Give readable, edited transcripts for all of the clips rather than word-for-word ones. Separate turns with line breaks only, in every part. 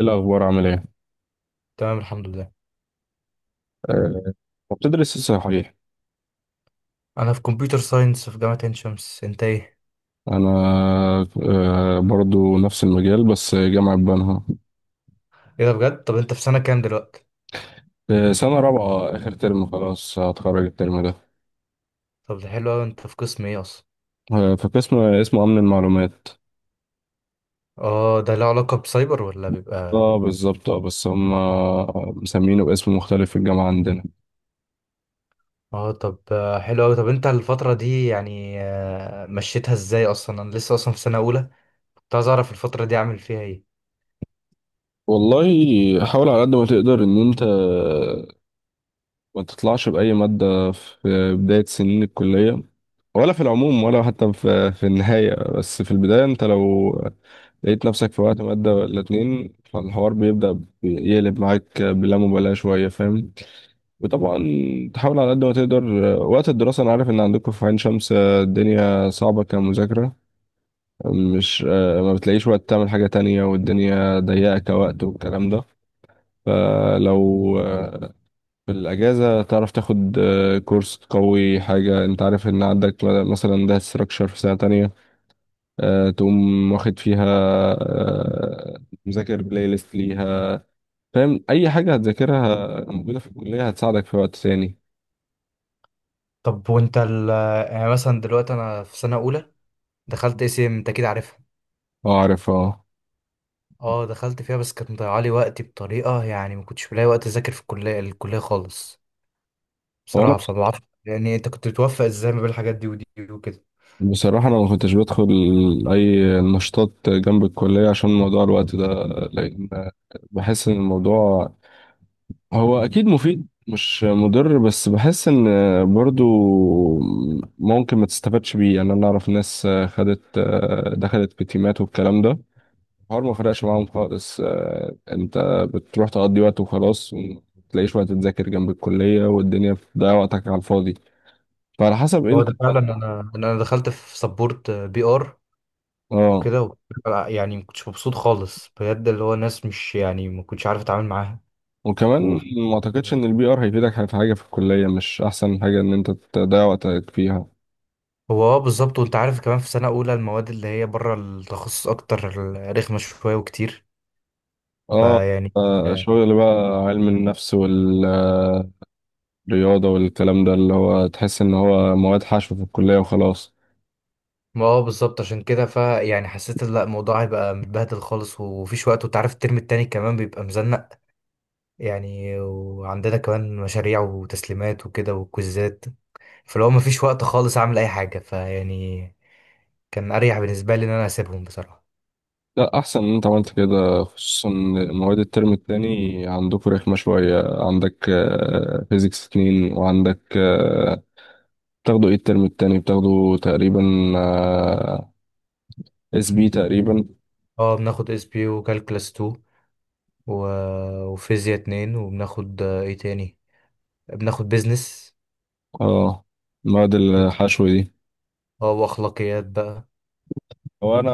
إيه الأخبار عامل إيه؟
تمام، الحمد لله.
أه. بتدرس إيه صحيح؟
انا في كمبيوتر ساينس في جامعة عين شمس، انت ايه؟
أنا. برضو نفس المجال، بس جامعة بنها.
ايه ده بجد، طب انت في سنة كام دلوقتي؟
أه، سنة رابعة، آخر ترم، خلاص هتخرج الترم ده.
طب ده حلو قوي، انت في قسم ايه اصلا؟
أه، في قسم اسمه أمن المعلومات.
اه، ده له علاقة بسايبر ولا بيبقى؟
اه، بالظبط. اه، بس هم مسمينه باسم مختلف في الجامعة عندنا.
اه، طب حلو قوي. طب انت الفترة دي يعني مشيتها ازاي اصلا؟ انا لسه اصلا في سنة اولى، كنت عايز اعرف الفترة دي اعمل فيها ايه.
والله، حاول على قد ما تقدر إن أنت ما تطلعش بأي مادة في بداية سنين الكلية، ولا في العموم، ولا حتى في النهاية. بس في البداية انت لو لقيت نفسك في وقت مادة ولا اتنين، فالحوار بيبدأ يقلب معاك بلا مبالاة شوية، فاهم؟ وطبعا تحاول على قد ما تقدر، وقت الدراسة. أنا عارف إن عندكم في عين شمس، الدنيا صعبة كمذاكرة، مش ما بتلاقيش وقت تعمل حاجة تانية، والدنيا ضيقة كوقت والكلام ده. فلو في الأجازة تعرف تاخد كورس قوي حاجة. أنت عارف إن عندك مثلا ده ستراكشر في سنة تانية، تقوم واخد فيها، آه، مذاكر بلاي ليست ليها. فاهم اي حاجه هتذاكرها موجوده في الكليه هتساعدك في وقت ثاني.
طب وانت ال آه، يعني مثلا دلوقتي انا في سنة اولى، دخلت اس ام، انت اكيد عارفها.
اه، عارف، اه.
اه دخلت فيها بس كانت مضيعة لي وقتي بطريقة، يعني ما كنتش بلاقي وقت اذاكر في الكلية خالص
هو انا
بصراحة. فما اعرفش يعني انت كنت بتوفق ازاي ما بين الحاجات دي ودي وكده؟
بصراحه انا ما كنتش بدخل اي نشاطات جنب الكليه عشان موضوع الوقت ده. لان بحس ان الموضوع، هو اكيد مفيد مش مضر، بس بحس ان برضو ممكن ما تستفادش بيه. يعني انا اعرف ناس دخلت في تيمات والكلام ده، الحوار ما فرقش معاهم خالص. انت بتروح تقضي وقت وخلاص، ومتلاقيش وقت تذاكر جنب الكلية، والدنيا بتضيع وقتك على الفاضي. فعلى حسب
هو
انت.
ده فعلا، انا دخلت في سبورت بي ار
اه،
وكده يعني ما كنتش مبسوط خالص بجد، اللي هو ناس مش يعني، ما كنتش عارف اتعامل معاها
وكمان
و...
ما اعتقدش ان البي ار هيفيدك في حاجة في الكلية. مش احسن حاجة ان انت تضيع وقتك فيها.
هو اه بالظبط، وانت عارف كمان في سنة اولى المواد اللي هي بره التخصص اكتر رخمة شوية وكتير،
اه،
فيعني آه،
شغل بقى علم النفس والرياضة والكلام ده، اللي هو تحس ان هو مواد حشو في الكلية وخلاص.
ما اه بالظبط، عشان كده فيعني حسيت ان لا، الموضوع هيبقى متبهدل خالص ومفيش وقت، وانت عارف الترم التاني كمان بيبقى مزنق يعني، وعندنا كمان مشاريع وتسليمات وكده وكوزات. فلو مفيش وقت خالص اعمل اي حاجه، فيعني كان اريح بالنسبه لي ان انا اسيبهم بصراحه.
لا، احسن ان انت عملت كده، خصوصا مواد الترم التاني عندكم رخمه شويه. عندك فيزيكس اتنين وعندك، بتاخدوا ايه الترم التاني؟ بتاخدوا تقريبا اس بي تقريبا.
اه بناخد اس بي وكالكلاس 2 و... وفيزياء 2 وبناخد ايه تاني، بناخد بيزنس
اه، مواد
و...
الحشو دي.
اه واخلاقيات بقى.
هو انا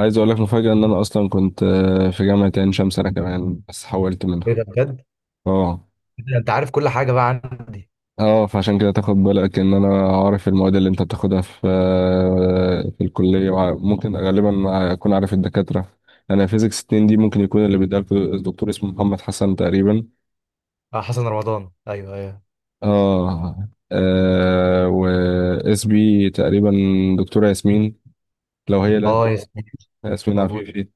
عايز اقول لك مفاجاه ان انا اصلا كنت في جامعه عين شمس انا كمان، بس حولت
ايه
منها.
ده بجد!
اه.
إيه ده، انت عارف كل حاجه بقى عندي.
اه، فعشان كده تاخد بالك ان انا عارف المواد اللي انت بتاخدها في، في الكليه، ممكن غالبا اكون عارف الدكاتره. انا فيزيكس 2 دي ممكن يكون اللي بيديها الدكتور اسمه محمد حسن تقريبا.
اه، حسن رمضان، ايوه ايوه.
اه، آه، اس بي تقريبا دكتوره ياسمين، لو هي. لا،
اه، ياسمين
ياسمين
موجود.
عفيفي.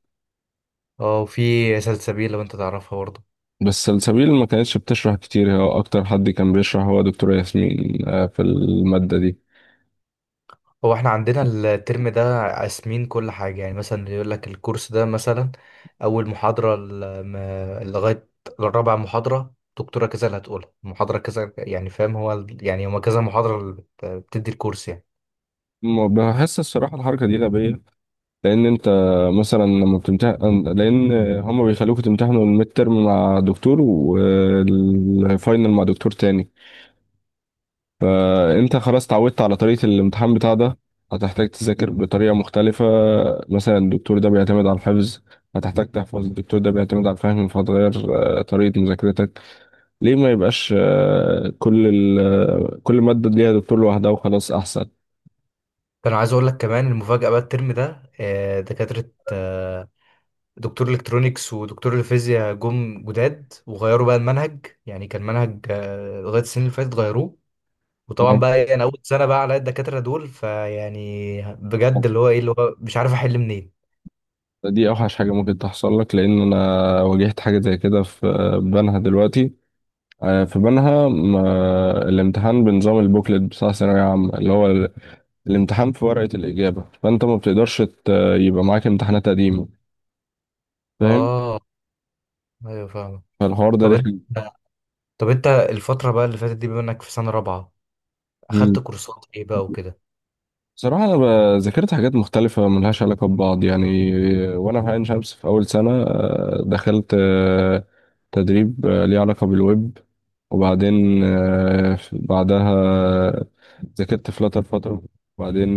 اه، وفي سلسبيل لو انت تعرفها برضه.
بس سلسبيل ما كانتش بتشرح كتير، هو اكتر حد كان بيشرح هو دكتوره ياسمين آه في الماده دي.
هو احنا عندنا الترم ده قاسمين كل حاجة، يعني مثلا يقول لك الكورس ده مثلا أول محاضرة لغاية الرابعة محاضرة دكتورة كذا، اللي هتقولها محاضرة كذا، يعني فاهم، هو يعني هما كذا محاضرة اللي بتدي الكورس يعني.
بحس الصراحه الحركه دي غبيه. لان انت مثلا لما بتمتحن، لان هما بيخلوكوا تمتحنوا الميد ترم مع دكتور والفاينل مع دكتور تاني. فانت خلاص اتعودت على طريقة الامتحان بتاع ده، هتحتاج تذاكر بطريقة مختلفة. مثلا الدكتور ده بيعتمد على الحفظ، هتحتاج تحفظ. الدكتور ده بيعتمد على الفهم، فهتغير طريقة مذاكرتك. ليه ما يبقاش كل مادة ليها دكتور لوحدها وخلاص؟
كان عايز أقول لك كمان المفاجأة بقى الترم ده دكاترة دكتور الكترونيكس ودكتور الفيزياء جم جداد وغيروا بقى المنهج، يعني كان منهج لغاية السنين اللي فاتت غيروه. وطبعا
أحسن.
بقى انا اول سنه بقى على الدكاتره دول، فيعني بجد اللي هو ايه، اللي هو مش عارف احل منين.
دي اوحش حاجه ممكن تحصل لك. لان انا واجهت حاجه زي كده في بنها دلوقتي. في بنها الامتحان بنظام البوكلت بتاع ثانويه عامه، اللي هو الامتحان في ورقه الاجابه، فانت ما بتقدرش يبقى معاك امتحانات قديمه، فاهم؟
اه ايوه فاهم.
فالحوار ده
طب انت
رخم.
طب انت الفتره بقى اللي فاتت دي بما انك في سنه رابعه اخدت كورسات ايه بقى وكده؟
بصراحة أنا ذاكرت حاجات مختلفة ملهاش علاقة ببعض يعني. وأنا في عين شمس في أول سنة دخلت تدريب ليه علاقة بالويب. وبعدين بعدها آه، ذاكرت فلاتر فترة. وبعدين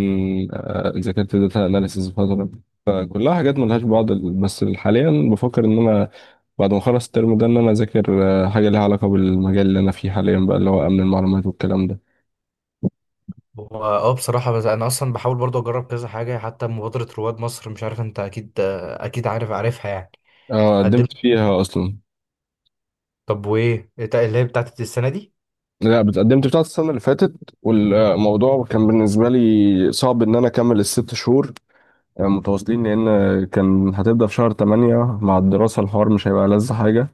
ذاكرت داتا أناليسيز فترة. فكلها حاجات ملهاش بعض. بس حاليا بفكر إن أنا بعد ما أخلص الترم ده إن أنا أذاكر حاجة ليها علاقة بالمجال اللي أنا فيه حاليا بقى، اللي هو أمن المعلومات والكلام ده.
هو اه بصراحه، بس انا اصلا بحاول برضه اجرب كذا حاجه حتى مبادره رواد مصر، مش عارف انت اكيد اكيد عارفها يعني. قدمت.
قدمت فيها أصلا.
طب إيه اللي هي بتاعت السنه دي؟
لا، اتقدمت بتاعت السنة اللي فاتت. والموضوع كان بالنسبة لي صعب إن أنا أكمل الست شهور يعني متواصلين، لأن كان هتبدأ في شهر تمانية مع الدراسة، الحوار مش هيبقى ألذ حاجة.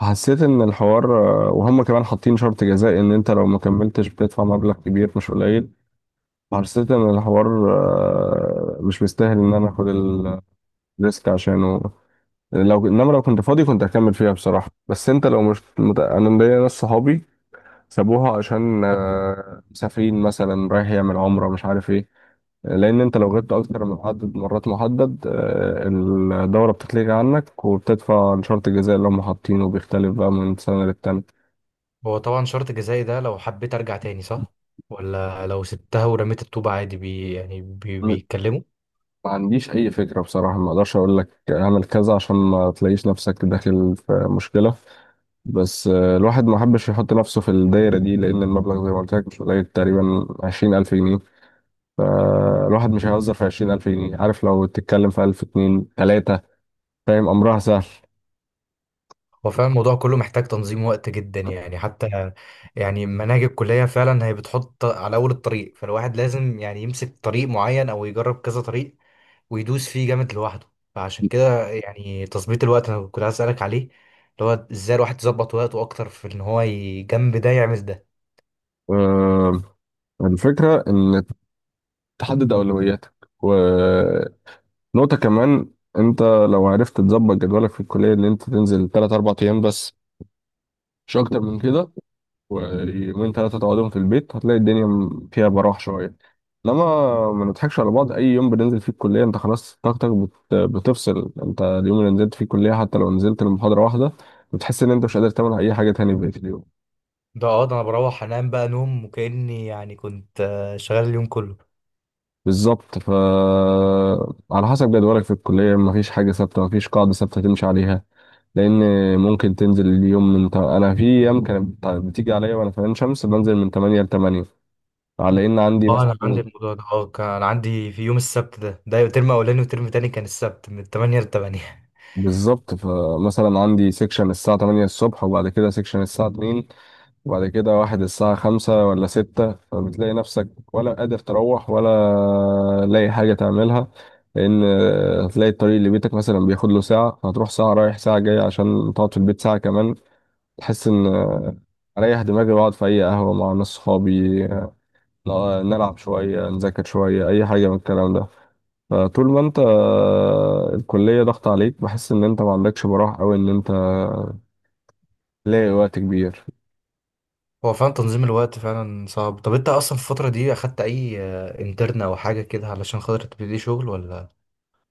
حسيت إن الحوار، وهم كمان حاطين شرط جزائي إن أنت لو ما كملتش بتدفع مبلغ كبير مش قليل. حسيت إن الحوار مش مستاهل إن أنا آخد الريسك عشانه. لو إنما لو كنت فاضي كنت هكمل فيها بصراحة. بس أنت لو مش مت... أنا ليا ناس صحابي سابوها عشان مسافرين مثلا رايح يعمل عمرة مش عارف ايه. لأن أنت لو غبت أكتر من عدد مرات محدد، الدورة بتتلغي عنك، وبتدفع لشرط الجزاء اللي هم حاطينه بيختلف بقى من سنة للتانية.
هو طبعا شرط جزائي ده، لو حبيت ارجع تاني صح؟ ولا لو سبتها ورميت الطوبة عادي، يعني
م-
بيتكلموا.
ما عنديش أي فكرة بصراحة. ما أقدرش أقول لك اعمل كذا عشان ما تلاقيش نفسك داخل في مشكلة. بس الواحد ما حبش يحط نفسه في الدايرة دي. لأن المبلغ زي ما قلت لك مش قليل، تقريبا 20,000 جنيه. فالواحد مش هيهزر في 20,000 جنيه، عارف لو تتكلم في ألف اتنين تلاتة فاهم أمرها سهل.
هو فعلا الموضوع كله محتاج تنظيم وقت جدا يعني، حتى يعني مناهج الكلية فعلا هي بتحط على أول الطريق، فالواحد لازم يعني يمسك طريق معين أو يجرب كذا طريق ويدوس فيه جامد لوحده. فعشان كده يعني تظبيط الوقت أنا كنت عايز أسألك عليه، اللي هو إزاي الواحد يظبط وقته أكتر في إن هو جنب ده يعمل ده.
آه، الفكرة إن تحدد أولوياتك، ونقطة. كمان أنت لو عرفت تظبط جدولك في الكلية إن أنت تنزل تلات أربع أيام بس، مش أكتر من كده، ويومين ثلاثة تقعدهم في البيت، هتلاقي الدنيا فيها براح شوية. انما ما نضحكش على بعض، اي يوم بننزل فيه الكلية انت خلاص طاقتك بتفصل. انت اليوم اللي نزلت فيه الكلية حتى لو نزلت المحاضرة واحدة، بتحس ان انت مش قادر تعمل اي حاجة تاني بقية اليوم.
ده أنا بروح أنام بقى نوم، وكأني يعني كنت شغال اليوم كله.
بالظبط. ف على حسب جدولك في الكلية، مفيش حاجة ثابتة، مفيش قاعدة ثابتة تمشي عليها. لان ممكن تنزل اليوم من ت... انا في ايام كانت بتيجي عليا وانا في عين شمس بنزل من 8 ل 8 على ان عندي
اه،
مثلا.
انا عندي الموضوع ده كان عندي في يوم السبت ده ترم اولاني وترم تاني كان السبت من 8 ل 8.
بالظبط، فمثلا عندي سيكشن الساعة 8 الصبح، وبعد كده سيكشن الساعة 2، وبعد كده واحد الساعة 5 ولا 6. فبتلاقي نفسك ولا قادر تروح ولا لاقي حاجة تعملها. لأن هتلاقي الطريق اللي بيتك مثلا بياخد له ساعة، فهتروح ساعة رايح ساعة جاي عشان تقعد في البيت ساعة كمان. تحس إن أريح دماغي وأقعد في أي قهوة مع ناس صحابي، نلعب شوية نذاكر شوية، أي حاجة من الكلام ده. فطول ما أنت الكلية ضغط عليك، بحس إن أنت ما عندكش براح، أو إن أنت لاقي وقت كبير.
هو فعلا تنظيم الوقت فعلا صعب. طب انت اصلا في الفترة دي اخدت اي انترن او حاجة كده علشان خاطر تبتدي شغل ولا؟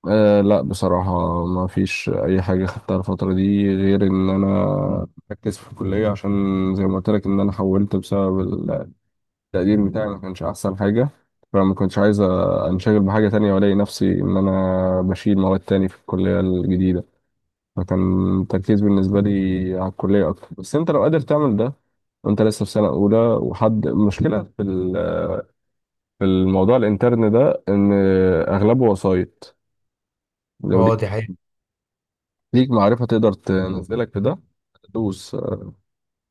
أه، لا، بصراحة ما فيش أي حاجة خدتها الفترة دي، غير إن أنا مركز في الكلية عشان، زي ما قلت لك، إن أنا حولت بسبب التقدير بتاعي ما كانش أحسن حاجة. فما كنتش عايز أنشغل بحاجة تانية وألاقي نفسي إن أنا بشيل مواد تاني في الكلية الجديدة. فكان التركيز بالنسبة لي على الكلية أكتر. بس أنت لو قادر تعمل ده وأنت لسه في سنة أولى، وحد المشكلة في في الموضوع الانترن ده إن أغلبه وسايط. لو
هو دي حقيقة.
ليك معرفة تقدر تنزلك في ده، دوس.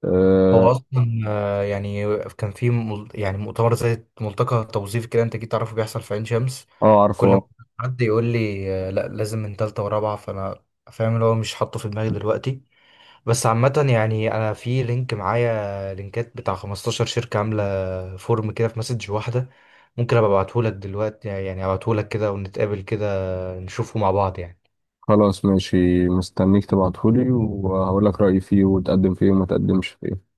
أه.
هو اصلا يعني كان في يعني مؤتمر زي ملتقى توظيفي كده، انت جيت تعرفه بيحصل في عين شمس؟ كل ما
عارفه.
حد يقول لي لا لازم من تالتة ورابعة، فانا فاهم اللي هو مش حاطه في دماغي دلوقتي. بس عامة يعني أنا في لينك معايا، لينكات بتاع 15 شركة عاملة فورم كده في مسج واحدة، ممكن أبقى أبعتهولك دلوقتي يعني، أبعتهولك كده ونتقابل كده نشوفه مع بعض يعني.
خلاص ماشي، مستنيك تبعتهولي وهقول لك رأيي فيه وتقدم فيه وما تقدمش فيه.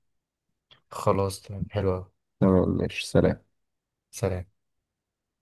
خلاص تمام، حلو أوي.
تمام ماشي، سلام.
سلام.